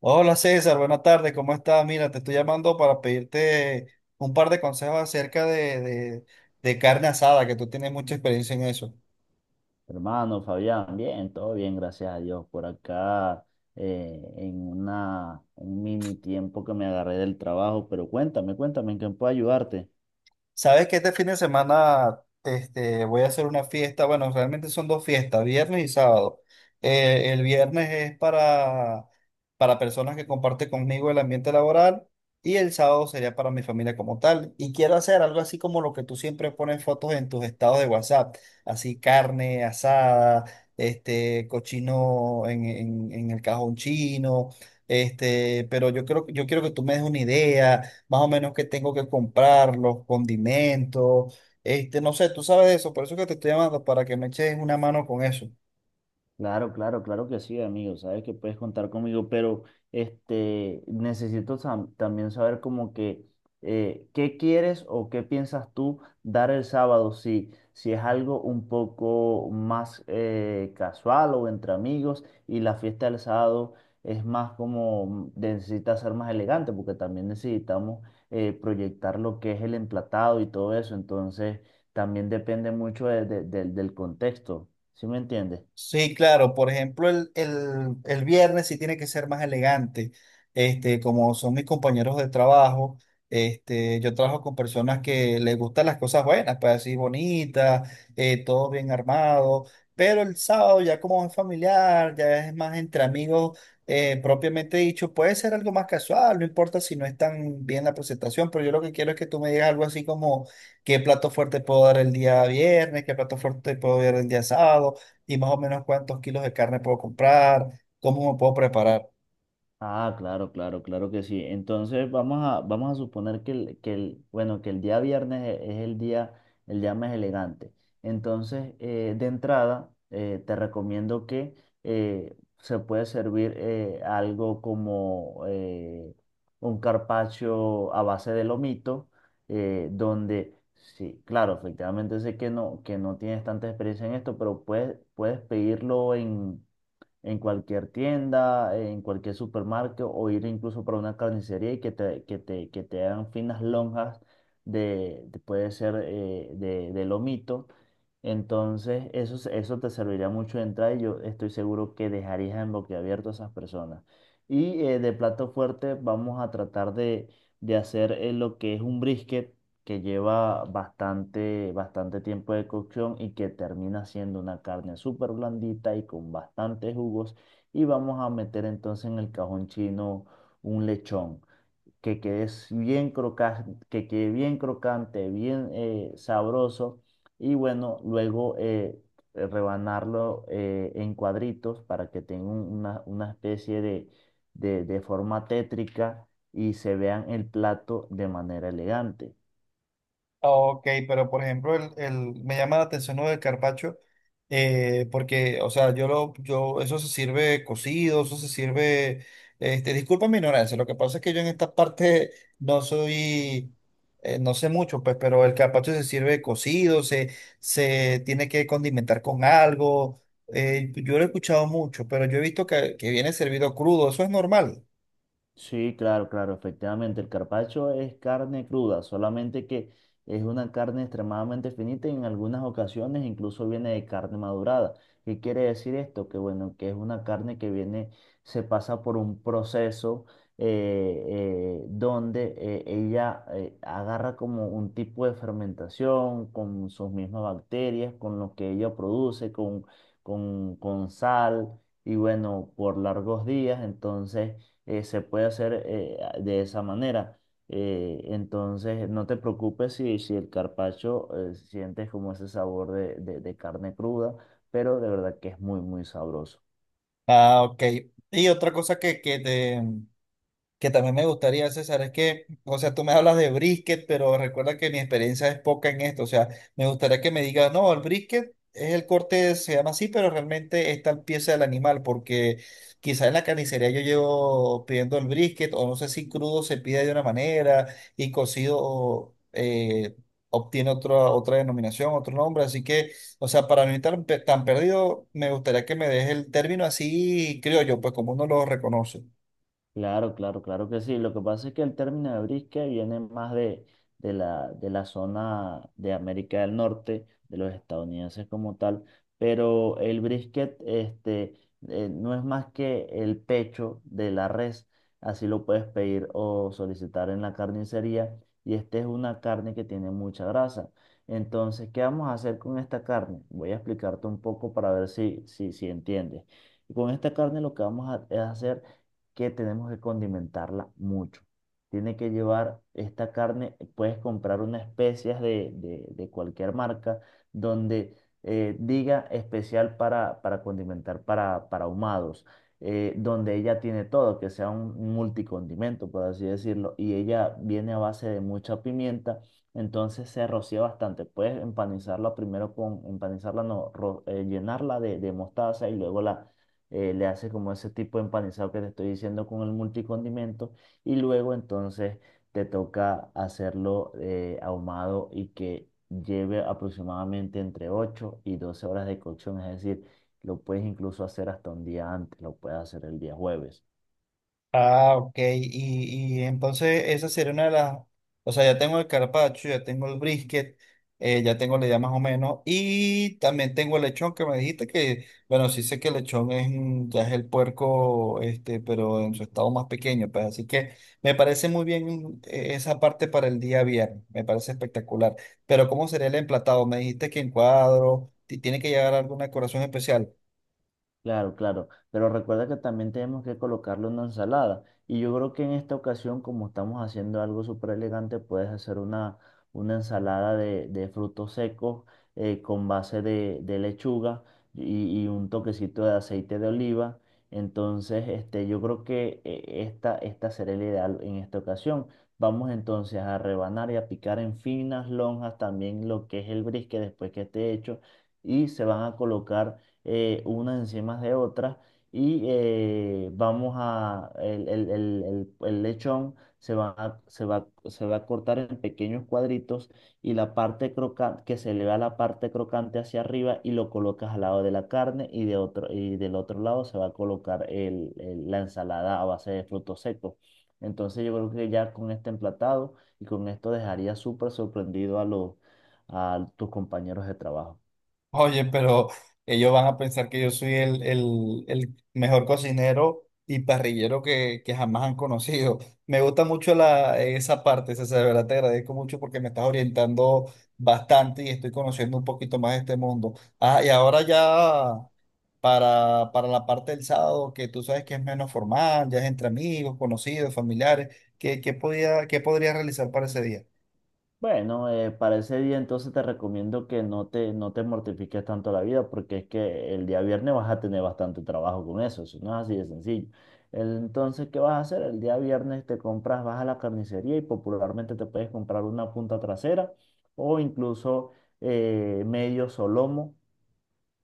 Hola César, buenas tardes, ¿cómo estás? Mira, te estoy llamando para pedirte un par de consejos acerca de carne asada, que tú tienes mucha experiencia en eso. Hermano Fabián, bien, todo bien, gracias a Dios. Por acá un mini tiempo que me agarré del trabajo, pero cuéntame, cuéntame, ¿en qué puedo ayudarte? ¿Sabes que este fin de semana este, voy a hacer una fiesta? Bueno, realmente son dos fiestas, viernes y sábado. El viernes es para personas que comparten conmigo el ambiente laboral y el sábado sería para mi familia como tal. Y quiero hacer algo así como lo que tú siempre pones fotos en tus estados de WhatsApp, así carne asada, este, cochino en el cajón chino, este, pero yo creo, yo quiero que tú me des una idea más o menos qué tengo que comprar, los condimentos, este, no sé, tú sabes de eso, por eso que te estoy llamando, para que me eches una mano con eso. Claro, claro, claro que sí, amigo. Sabes que puedes contar conmigo, pero necesito también saber como que qué quieres o qué piensas tú dar el sábado, si es algo un poco más casual o entre amigos, y la fiesta del sábado es más como necesita ser más elegante, porque también necesitamos proyectar lo que es el emplatado y todo eso. Entonces también depende mucho del contexto. ¿Sí me entiendes? Sí, claro. Por ejemplo, el viernes sí tiene que ser más elegante. Este, como son mis compañeros de trabajo, este, yo trabajo con personas que les gustan las cosas buenas, pues así bonitas, todo bien armado. Pero el sábado ya como es familiar, ya es más entre amigos, propiamente dicho, puede ser algo más casual, no importa si no es tan bien la presentación, pero yo lo que quiero es que tú me digas algo así como qué plato fuerte puedo dar el día viernes, qué plato fuerte puedo dar el día sábado y más o menos cuántos kilos de carne puedo comprar, cómo me puedo preparar. Ah, claro, claro, claro que sí. Entonces vamos a suponer bueno, que el día viernes es el día, más elegante. Entonces, de entrada, te recomiendo que se puede servir algo como un carpaccio a base de lomito, donde, sí, claro, efectivamente sé que no tienes tanta experiencia en esto, pero puedes pedirlo en cualquier tienda, en cualquier supermercado o ir incluso para una carnicería, y que te hagan finas lonjas puede ser de lomito. Entonces, eso te serviría mucho de entrada, y yo estoy seguro que dejarías en boquiabierto a esas personas. Y de plato fuerte vamos a tratar de hacer lo que es un brisket, que lleva bastante, bastante tiempo de cocción y que termina siendo una carne súper blandita y con bastantes jugos. Y vamos a meter entonces en el cajón chino un lechón que quede bien crocante, bien sabroso. Y bueno, luego rebanarlo en cuadritos para que tenga una especie de forma tétrica, y se vean el plato de manera elegante. Ok, pero por ejemplo, me llama la atención lo del carpaccio, porque, o sea, yo, eso se sirve cocido, eso se sirve, este, disculpa mi ignorancia, lo que pasa es que yo en esta parte no soy, no sé mucho, pues, pero el carpaccio se sirve cocido, se tiene que condimentar con algo, yo lo he escuchado mucho, pero yo he visto que viene servido crudo, eso es normal. Sí, claro, claro, efectivamente. El carpaccio es carne cruda, solamente que es una carne extremadamente finita y en algunas ocasiones incluso viene de carne madurada. ¿Qué quiere decir esto? Que bueno, que es una carne que viene, se pasa por un proceso, donde ella agarra como un tipo de fermentación con sus mismas bacterias, con lo que ella produce, con sal, y bueno, por largos días. Entonces se puede hacer de esa manera. Entonces, no te preocupes si el carpaccio sientes como ese sabor de carne cruda, pero de verdad que es muy, muy sabroso. Ah, ok. Y otra cosa que que también me gustaría, César, es que, o sea, tú me hablas de brisket, pero recuerda que mi experiencia es poca en esto, o sea, me gustaría que me digas, no, el brisket es el corte, se llama así, pero realmente es tal pieza del animal, porque quizás en la carnicería yo llevo pidiendo el brisket, o no sé si crudo se pide de una manera y cocido obtiene otra, otra denominación, otro nombre, así que, o sea, para no estar tan perdido, me gustaría que me dejes el término así criollo, pues como uno lo reconoce. Claro, claro, claro que sí. Lo que pasa es que el término de brisket viene más de la zona de América del Norte, de los estadounidenses como tal, pero el brisket no es más que el pecho de la res. Así lo puedes pedir o solicitar en la carnicería. Y esta es una carne que tiene mucha grasa. Entonces, ¿qué vamos a hacer con esta carne? Voy a explicarte un poco para ver si entiendes. Con esta carne lo que vamos a es hacer que tenemos que condimentarla mucho. Tiene que llevar esta carne, puedes comprar unas especias de cualquier marca donde diga especial para, condimentar, para ahumados, donde ella tiene todo, que sea un multicondimento, por así decirlo, y ella viene a base de mucha pimienta, entonces se rocía bastante. Puedes empanizarla primero con, empanizarla no, llenarla de mostaza, y luego la le haces como ese tipo de empanizado que te estoy diciendo con el multicondimento, y luego entonces te toca hacerlo ahumado, y que lleve aproximadamente entre 8 y 12 horas de cocción, es decir, lo puedes incluso hacer hasta un día antes, lo puedes hacer el día jueves. Ah, ok. Y entonces esa sería una de las... O sea, ya tengo el carpaccio, ya tengo el brisket, ya tengo la idea más o menos. Y también tengo el lechón que me dijiste que, bueno, sí sé que el lechón es, un- ya es el puerco, este, pero en su estado más pequeño. Pues, así que me parece muy bien esa parte para el día viernes. Me parece espectacular. Pero ¿cómo sería el emplatado? Me dijiste que en cuadro, ti- tiene que llegar alguna decoración especial. Claro, claro, pero recuerda que también tenemos que colocarle una ensalada. Y yo creo que en esta ocasión, como estamos haciendo algo súper elegante, puedes hacer una ensalada de frutos secos, con base de lechuga, y un toquecito de aceite de oliva. Entonces, yo creo que esta será el ideal en esta ocasión. Vamos entonces a rebanar y a picar en finas lonjas también lo que es el brisket después que esté hecho, y se van a colocar unas encima de otras, y vamos a, el lechón se va a cortar en pequeños cuadritos, y la parte crocante, que se le va la parte crocante hacia arriba, y lo colocas al lado de la carne, y del otro lado se va a colocar la ensalada a base de frutos secos. Entonces yo creo que ya con este emplatado y con esto dejaría súper sorprendido a tus compañeros de trabajo. Oye, pero ellos van a pensar que yo soy el mejor cocinero y parrillero que jamás han conocido. Me gusta mucho la, esa parte, César, de verdad te agradezco mucho porque me estás orientando bastante y estoy conociendo un poquito más de este mundo. Ah, y ahora ya para la parte del sábado, que tú sabes que es menos formal, ya es entre amigos, conocidos, familiares, ¿qué, qué podía, qué podría realizar para ese día? Bueno, para ese día entonces te recomiendo que no te mortifiques tanto la vida, porque es que el día viernes vas a tener bastante trabajo con eso. Eso no es así de sencillo. Entonces, ¿qué vas a hacer? El día viernes te compras, vas a la carnicería y popularmente te puedes comprar una punta trasera o incluso medio solomo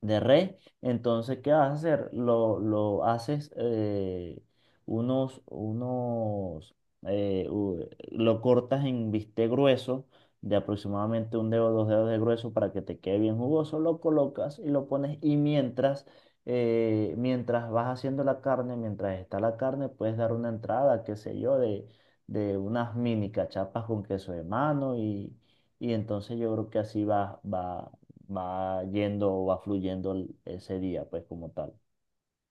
de res. Entonces, ¿qué vas a hacer? Lo haces unos, unos, u- lo cortas en bistec grueso de aproximadamente un dedo, dos dedos de grueso para que te quede bien jugoso, lo colocas y lo pones, y mientras vas haciendo la carne, mientras está la carne, puedes dar una entrada, qué sé yo, de unas mini cachapas con queso de mano, y entonces yo creo que así va yendo o va fluyendo ese día, pues como tal.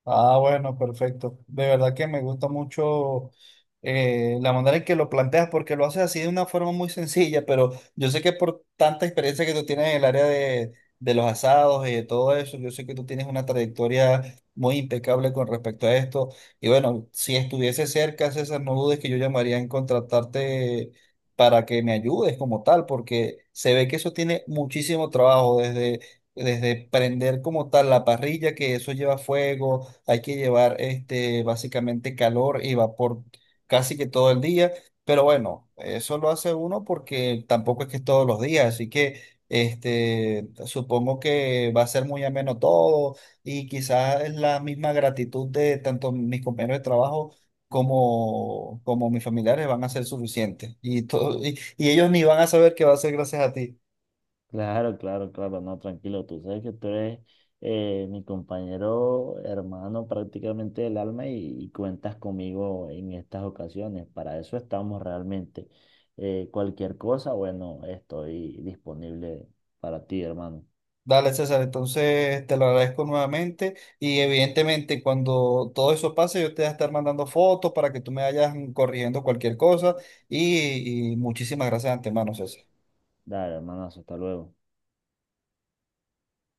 Ah, bueno, perfecto. De verdad que me gusta mucho la manera en que lo planteas porque lo haces así de una forma muy sencilla, pero yo sé que por tanta experiencia que tú tienes en el área de los asados y de todo eso, yo sé que tú tienes una trayectoria muy impecable con respecto a esto. Y bueno, si estuviese cerca, César, no dudes que yo llamaría en contratarte para que me ayudes como tal, porque se ve que eso tiene muchísimo trabajo desde... Desde prender como tal la parrilla, que eso lleva fuego, hay que llevar este, básicamente calor y vapor casi que todo el día, pero bueno, eso lo hace uno porque tampoco es que es todos los días, así que este, supongo que va a ser muy ameno todo y quizás es la misma gratitud de tanto mis compañeros de trabajo. Como, como mis familiares van a ser suficientes y, todo, y ellos ni van a saber que va a ser gracias a ti. Claro, claro, claro, no, tranquilo, tú sabes que tú eres mi compañero, hermano prácticamente del alma, y cuentas conmigo en estas ocasiones, para eso estamos realmente. Cualquier cosa, bueno, estoy disponible para ti, hermano. Dale, César, entonces te lo agradezco nuevamente y evidentemente cuando todo eso pase yo te voy a estar mandando fotos para que tú me vayas corrigiendo cualquier cosa y muchísimas gracias de antemano, César. Dale, hermanazo, hasta luego.